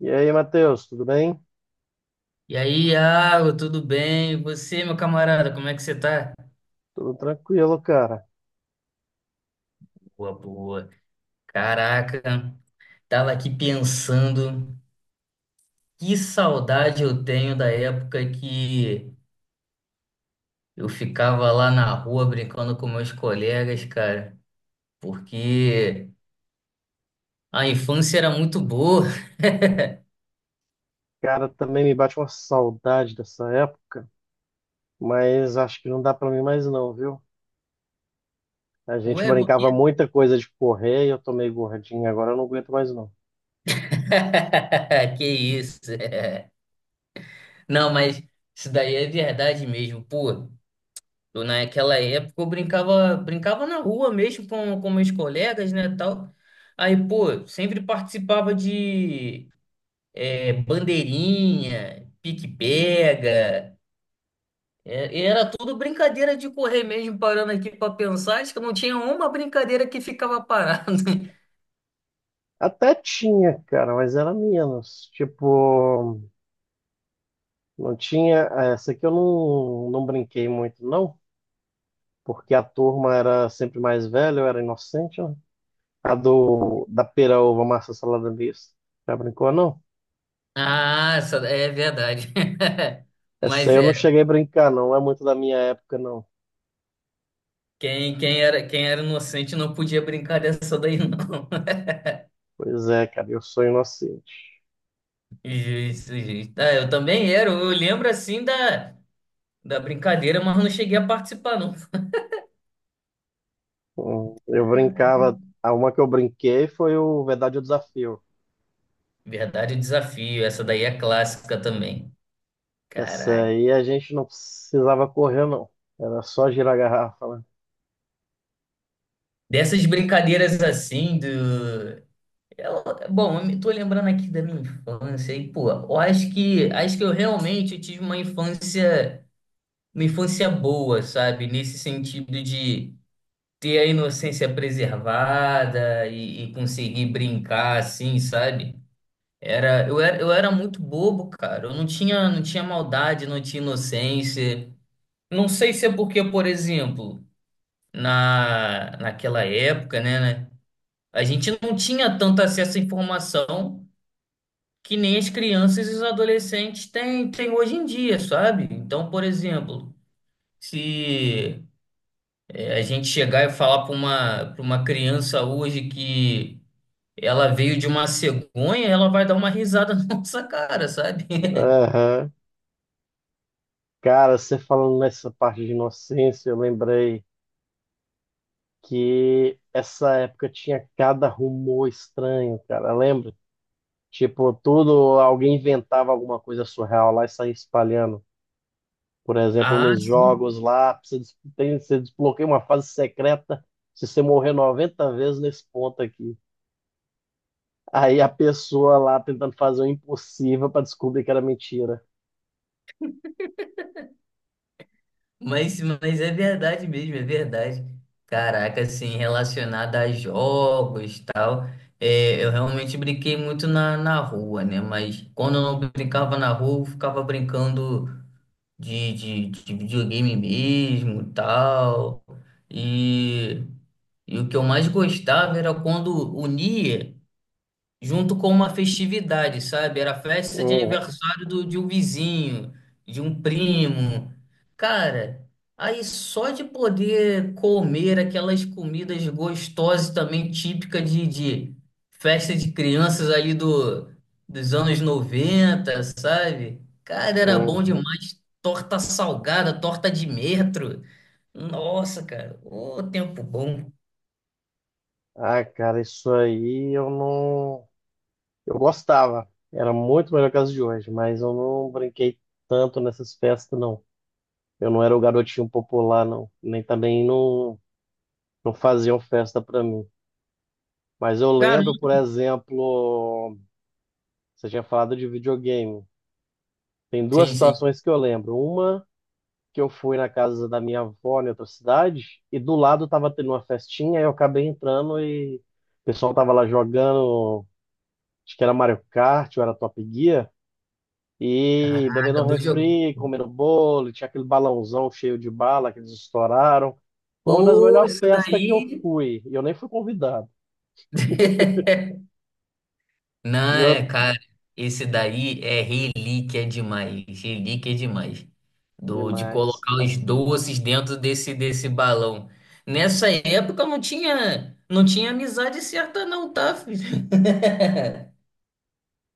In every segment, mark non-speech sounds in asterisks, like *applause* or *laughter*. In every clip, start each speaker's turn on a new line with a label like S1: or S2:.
S1: E aí, Matheus, tudo bem?
S2: E aí, Iago, tudo bem? E você, meu camarada, como é que você tá?
S1: Tudo tranquilo, cara.
S2: Boa, boa. Caraca, tava aqui pensando, que saudade eu tenho da época que eu ficava lá na rua brincando com meus colegas, cara, porque a infância era muito boa.
S1: Cara, também me bate uma saudade dessa época, mas acho que não dá pra mim mais não, viu? A
S2: *laughs*
S1: gente
S2: Ué, por quê?
S1: brincava muita coisa de correr e eu tô meio gordinho, agora eu não aguento mais não.
S2: *laughs* Que isso? *laughs* Não, mas isso daí é verdade mesmo, pô. Naquela época eu brincava na rua mesmo com meus colegas, né, tal. Aí, pô, sempre participava de bandeirinha, pique-pega. É, e era tudo brincadeira de correr mesmo, parando aqui pra pensar. Acho que não tinha uma brincadeira que ficava parado. *laughs*
S1: Até tinha, cara, mas era menos. Tipo, não tinha. Essa aqui eu não brinquei muito, não, porque a turma era sempre mais velha, eu era inocente, né? A da pera, uva, massa, salada mista. Já brincou, não?
S2: Ah, é verdade. *laughs*
S1: Essa aí
S2: Mas
S1: eu não
S2: é,
S1: cheguei a brincar, não. Não é muito da minha época, não.
S2: quem era inocente não podia brincar dessa daí, não.
S1: Pois é, cara, eu sou inocente.
S2: *laughs* Justo, justo. Ah, eu também era. Eu lembro assim da. Da brincadeira, mas não cheguei a participar, não.
S1: Eu brincava. A uma que eu brinquei foi o Verdade ou Desafio.
S2: Verdade, o desafio. Essa daí é clássica também.
S1: Essa
S2: Caraca.
S1: aí a gente não precisava correr, não. Era só girar a garrafa, né?
S2: Dessas brincadeiras assim do. Eu- Bom, eu me tô lembrando aqui da minha infância e, pô, eu acho que eu realmente tive uma infância boa, sabe? Nesse sentido de ter a inocência preservada e conseguir brincar assim, sabe? Eu era muito bobo, cara. Eu não tinha, não tinha maldade, não tinha inocência. Não sei se é porque, por exemplo, naquela época, né, a gente não tinha tanto acesso à informação que nem as crianças e os adolescentes têm hoje em dia, sabe? Então, por exemplo, se é, a gente chegar e falar para uma criança hoje que ela veio de uma cegonha, ela vai dar uma risada *laughs* na nossa cara, sabe? *laughs*
S1: Aham. Cara, você falando nessa parte de inocência, eu lembrei que essa época tinha cada rumor estranho, cara. Lembra? Tipo, tudo, alguém inventava alguma coisa surreal lá e saía espalhando. Por exemplo,
S2: Ah,
S1: nos
S2: sim.
S1: jogos lá, você, você desbloqueia uma fase secreta se você morrer 90 vezes nesse ponto aqui. Aí a pessoa lá tentando fazer o impossível para descobrir que era mentira.
S2: Mas é verdade mesmo, é verdade. Caraca, assim, relacionado a jogos e tal, eu realmente brinquei muito na rua, né? Mas quando eu não brincava na rua, eu ficava brincando de videogame mesmo e tal. E, e o que eu mais gostava era quando unia junto com uma festividade, sabe? Era festa de
S1: Uhum,
S2: aniversário de um vizinho, de um primo. Cara, aí só de poder comer aquelas comidas gostosas também, típica de festa de crianças ali dos anos 90, sabe? Cara, era bom
S1: uhum.
S2: demais. Torta salgada, torta de metro. Nossa, cara, ô tempo bom.
S1: Ah, cara, isso aí eu não. Eu gostava. Era muito melhor que as de hoje, mas eu não brinquei tanto nessas festas, não. Eu não era o garotinho popular, não. Nem também não, não faziam festa pra mim. Mas eu lembro,
S2: Caramba.
S1: por exemplo, você tinha falado de videogame. Tem duas
S2: Sim, sim.
S1: situações que eu lembro. Uma, que eu fui na casa da minha avó em outra cidade, e do lado tava tendo uma festinha, e eu acabei entrando e o pessoal tava lá jogando, acho que era Mario Kart, ou era Top Gear, e bebendo
S2: Caraca,
S1: um
S2: dois.
S1: refri, comendo bolo, e tinha aquele balãozão cheio de bala que eles estouraram. Foi uma das
S2: Pô,
S1: melhores
S2: isso
S1: festas que eu
S2: daí.
S1: fui, e eu nem fui convidado.
S2: *laughs* Não,
S1: E eu...
S2: é, cara, esse daí é relíquia demais, relíquia demais. De
S1: Demais,
S2: colocar
S1: cara.
S2: os doces dentro desse balão. Nessa época não tinha amizade certa não, tá, filho?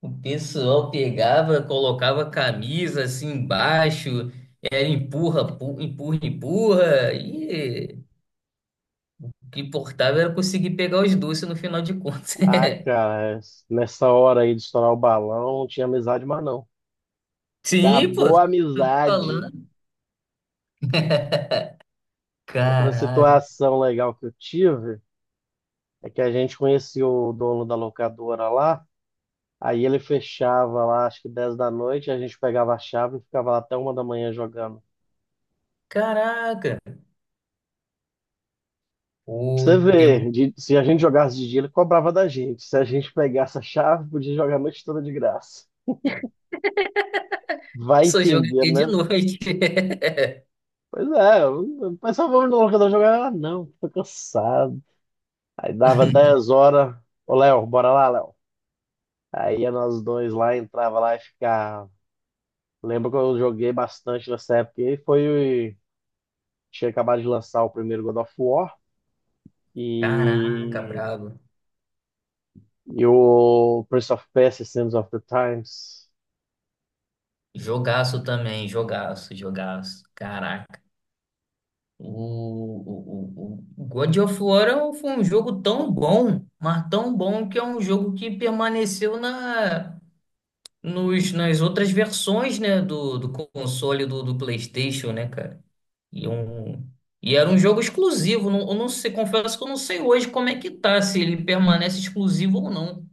S2: O pessoal pegava, colocava camisa assim embaixo, era empurra, empurra, e o que importava era conseguir pegar os doces no final de contas.
S1: Ah, cara, nessa hora aí de estourar o balão, não tinha amizade mais não.
S2: *laughs* Sim, pô,
S1: Acabou a
S2: tô
S1: amizade.
S2: falando.
S1: Outra
S2: Caraca,
S1: situação legal que eu tive é que a gente conhecia o dono da locadora lá, aí ele fechava lá, acho que 10 da noite, a gente pegava a chave e ficava lá até 1 da manhã jogando.
S2: caraca. O
S1: Pra você
S2: tempo
S1: ver, se a gente jogasse de dia, ele cobrava da gente. Se a gente pegasse a chave, podia jogar a noite toda de graça. Vai
S2: só
S1: entender,
S2: joguei de
S1: né?
S2: noite. *laughs*
S1: Pois é, o pessoal vamos no locador jogar. Ah, não, tô cansado. Aí dava 10 horas. Ô, Léo, bora lá, Léo. Aí nós dois lá, entrava lá e ficava. Lembro que eu joguei bastante nessa época. E foi. Tinha acabado de lançar o primeiro God of War
S2: Caraca,
S1: e,
S2: brabo.
S1: e o Prince of Persia, Sands of the Times.
S2: Jogaço também, jogaço. Caraca. O God of War foi um jogo tão bom, mas tão bom que é um jogo que permaneceu nas outras versões, né, do console do PlayStation, né, cara? E, um, e era um jogo exclusivo. Não, eu não sei, confesso que eu não sei hoje como é que tá, se ele permanece exclusivo ou não.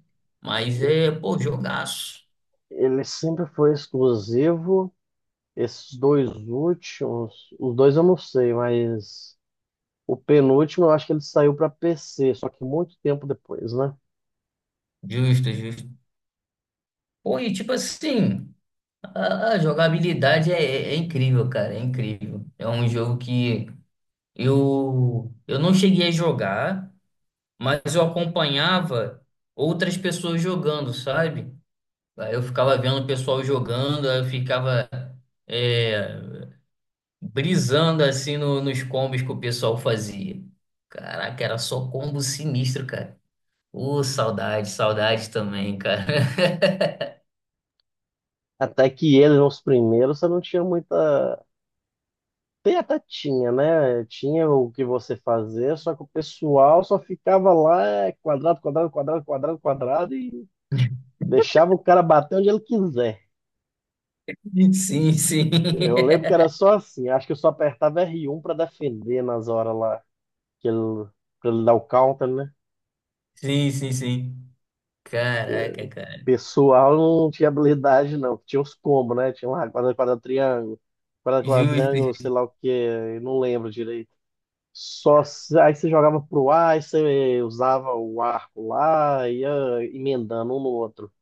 S2: Mas é, pô, jogaço.
S1: Ele sempre foi exclusivo. Esses dois últimos, os dois eu não sei, mas o penúltimo eu acho que ele saiu para PC, só que muito tempo depois, né?
S2: Justo, justo. Pô, e tipo assim, a jogabilidade é incrível, cara, é incrível. É um jogo que eu não cheguei a jogar, mas eu acompanhava outras pessoas jogando, sabe? Aí eu ficava vendo o pessoal jogando, aí eu ficava é, brisando assim nos combos que o pessoal fazia. Caraca, era só combo sinistro, cara. Ô, saudade, saudade também, cara.
S1: Até que eles, os primeiros, você não tinha muita. Tem até tinha, né? Tinha o que você fazer, só que o pessoal só ficava lá, é, quadrado, quadrado, quadrado, quadrado, quadrado, e
S2: *laughs*
S1: deixava o cara bater onde ele quiser.
S2: Sim, sim.
S1: Eu lembro que
S2: *laughs*
S1: era só assim, acho que eu só apertava R1 para defender nas horas lá, que ele, pra ele dar o counter, né?
S2: Sim, sim, sim. Caraca, cara.
S1: Pessoal não tinha habilidade, não. Tinha os combos, né? Tinha lá, quadrado, quadrado,
S2: Justo.
S1: triângulo, sei lá o que, não lembro direito. Só se- Aí você jogava pro ar, aí você usava o arco lá, ia emendando um no outro.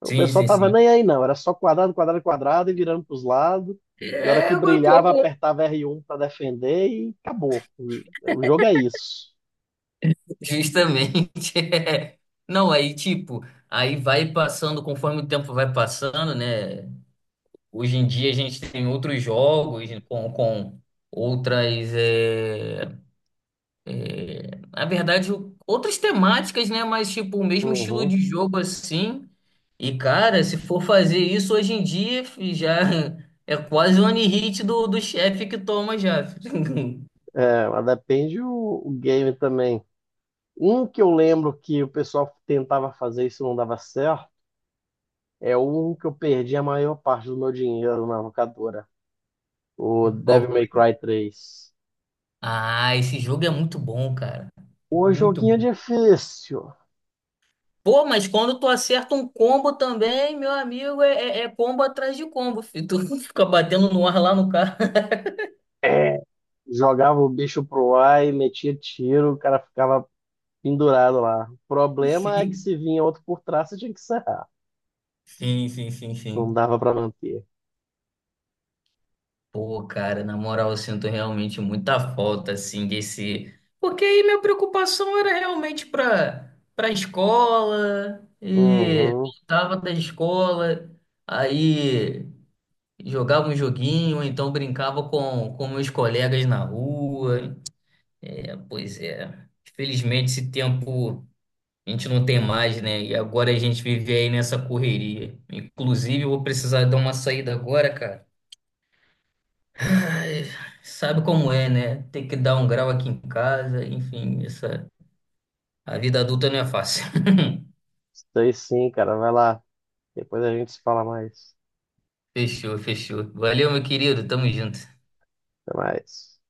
S1: O
S2: Sim,
S1: pessoal
S2: sim,
S1: tava
S2: sim.
S1: nem aí não, era só quadrado, quadrado, quadrado e virando pros lados. E a hora
S2: É,
S1: que
S2: eu
S1: brilhava,
S2: concordo.
S1: apertava R1 para defender e acabou. O jogo é isso.
S2: Justamente. *laughs* Não, aí, tipo, aí vai passando, conforme o tempo vai passando, né? Hoje em dia a gente tem outros jogos né, com outras. É, é, na verdade, outras temáticas, né? Mas, tipo, o mesmo estilo de
S1: Uhum.
S2: jogo assim. E, cara, se for fazer isso hoje em dia, fi, já *laughs* é quase o one hit do chefe que toma já. Fi. *laughs*
S1: É, mas depende o game também. Um que eu lembro que o pessoal tentava fazer isso e não dava certo é um que eu perdi a maior parte do meu dinheiro na locadora, o
S2: Qual
S1: Devil May
S2: foi?
S1: Cry 3.
S2: Ah, esse jogo é muito bom, cara.
S1: O
S2: Muito
S1: joguinho é
S2: bom.
S1: difícil.
S2: Pô, mas quando tu acerta um combo também, meu amigo, é combo atrás de combo, filho. Tu *laughs* fica batendo no ar lá no cara.
S1: É. Jogava o bicho pro ar e metia tiro, o cara ficava pendurado lá. O problema é que
S2: Sim,
S1: se vinha outro por trás, você tinha que serrar.
S2: sim, sim,
S1: Não
S2: sim.
S1: dava pra manter.
S2: Pô, cara, na moral, eu sinto realmente muita falta, assim, desse. Porque aí minha preocupação era realmente pra escola, e
S1: Uhum.
S2: voltava da escola, aí jogava um joguinho, ou então brincava com meus colegas na rua. É, pois é. Infelizmente, esse tempo a gente não tem mais, né? E agora a gente vive aí nessa correria. Inclusive, eu vou precisar dar uma saída agora, cara. É, sabe como é, né? Tem que dar um grau aqui em casa, enfim, essa... a vida adulta não é fácil. *laughs*
S1: Isso aí sim, cara. Vai lá. Depois a gente se fala mais.
S2: Fechou, fechou. Valeu, meu querido, tamo junto.
S1: Até mais.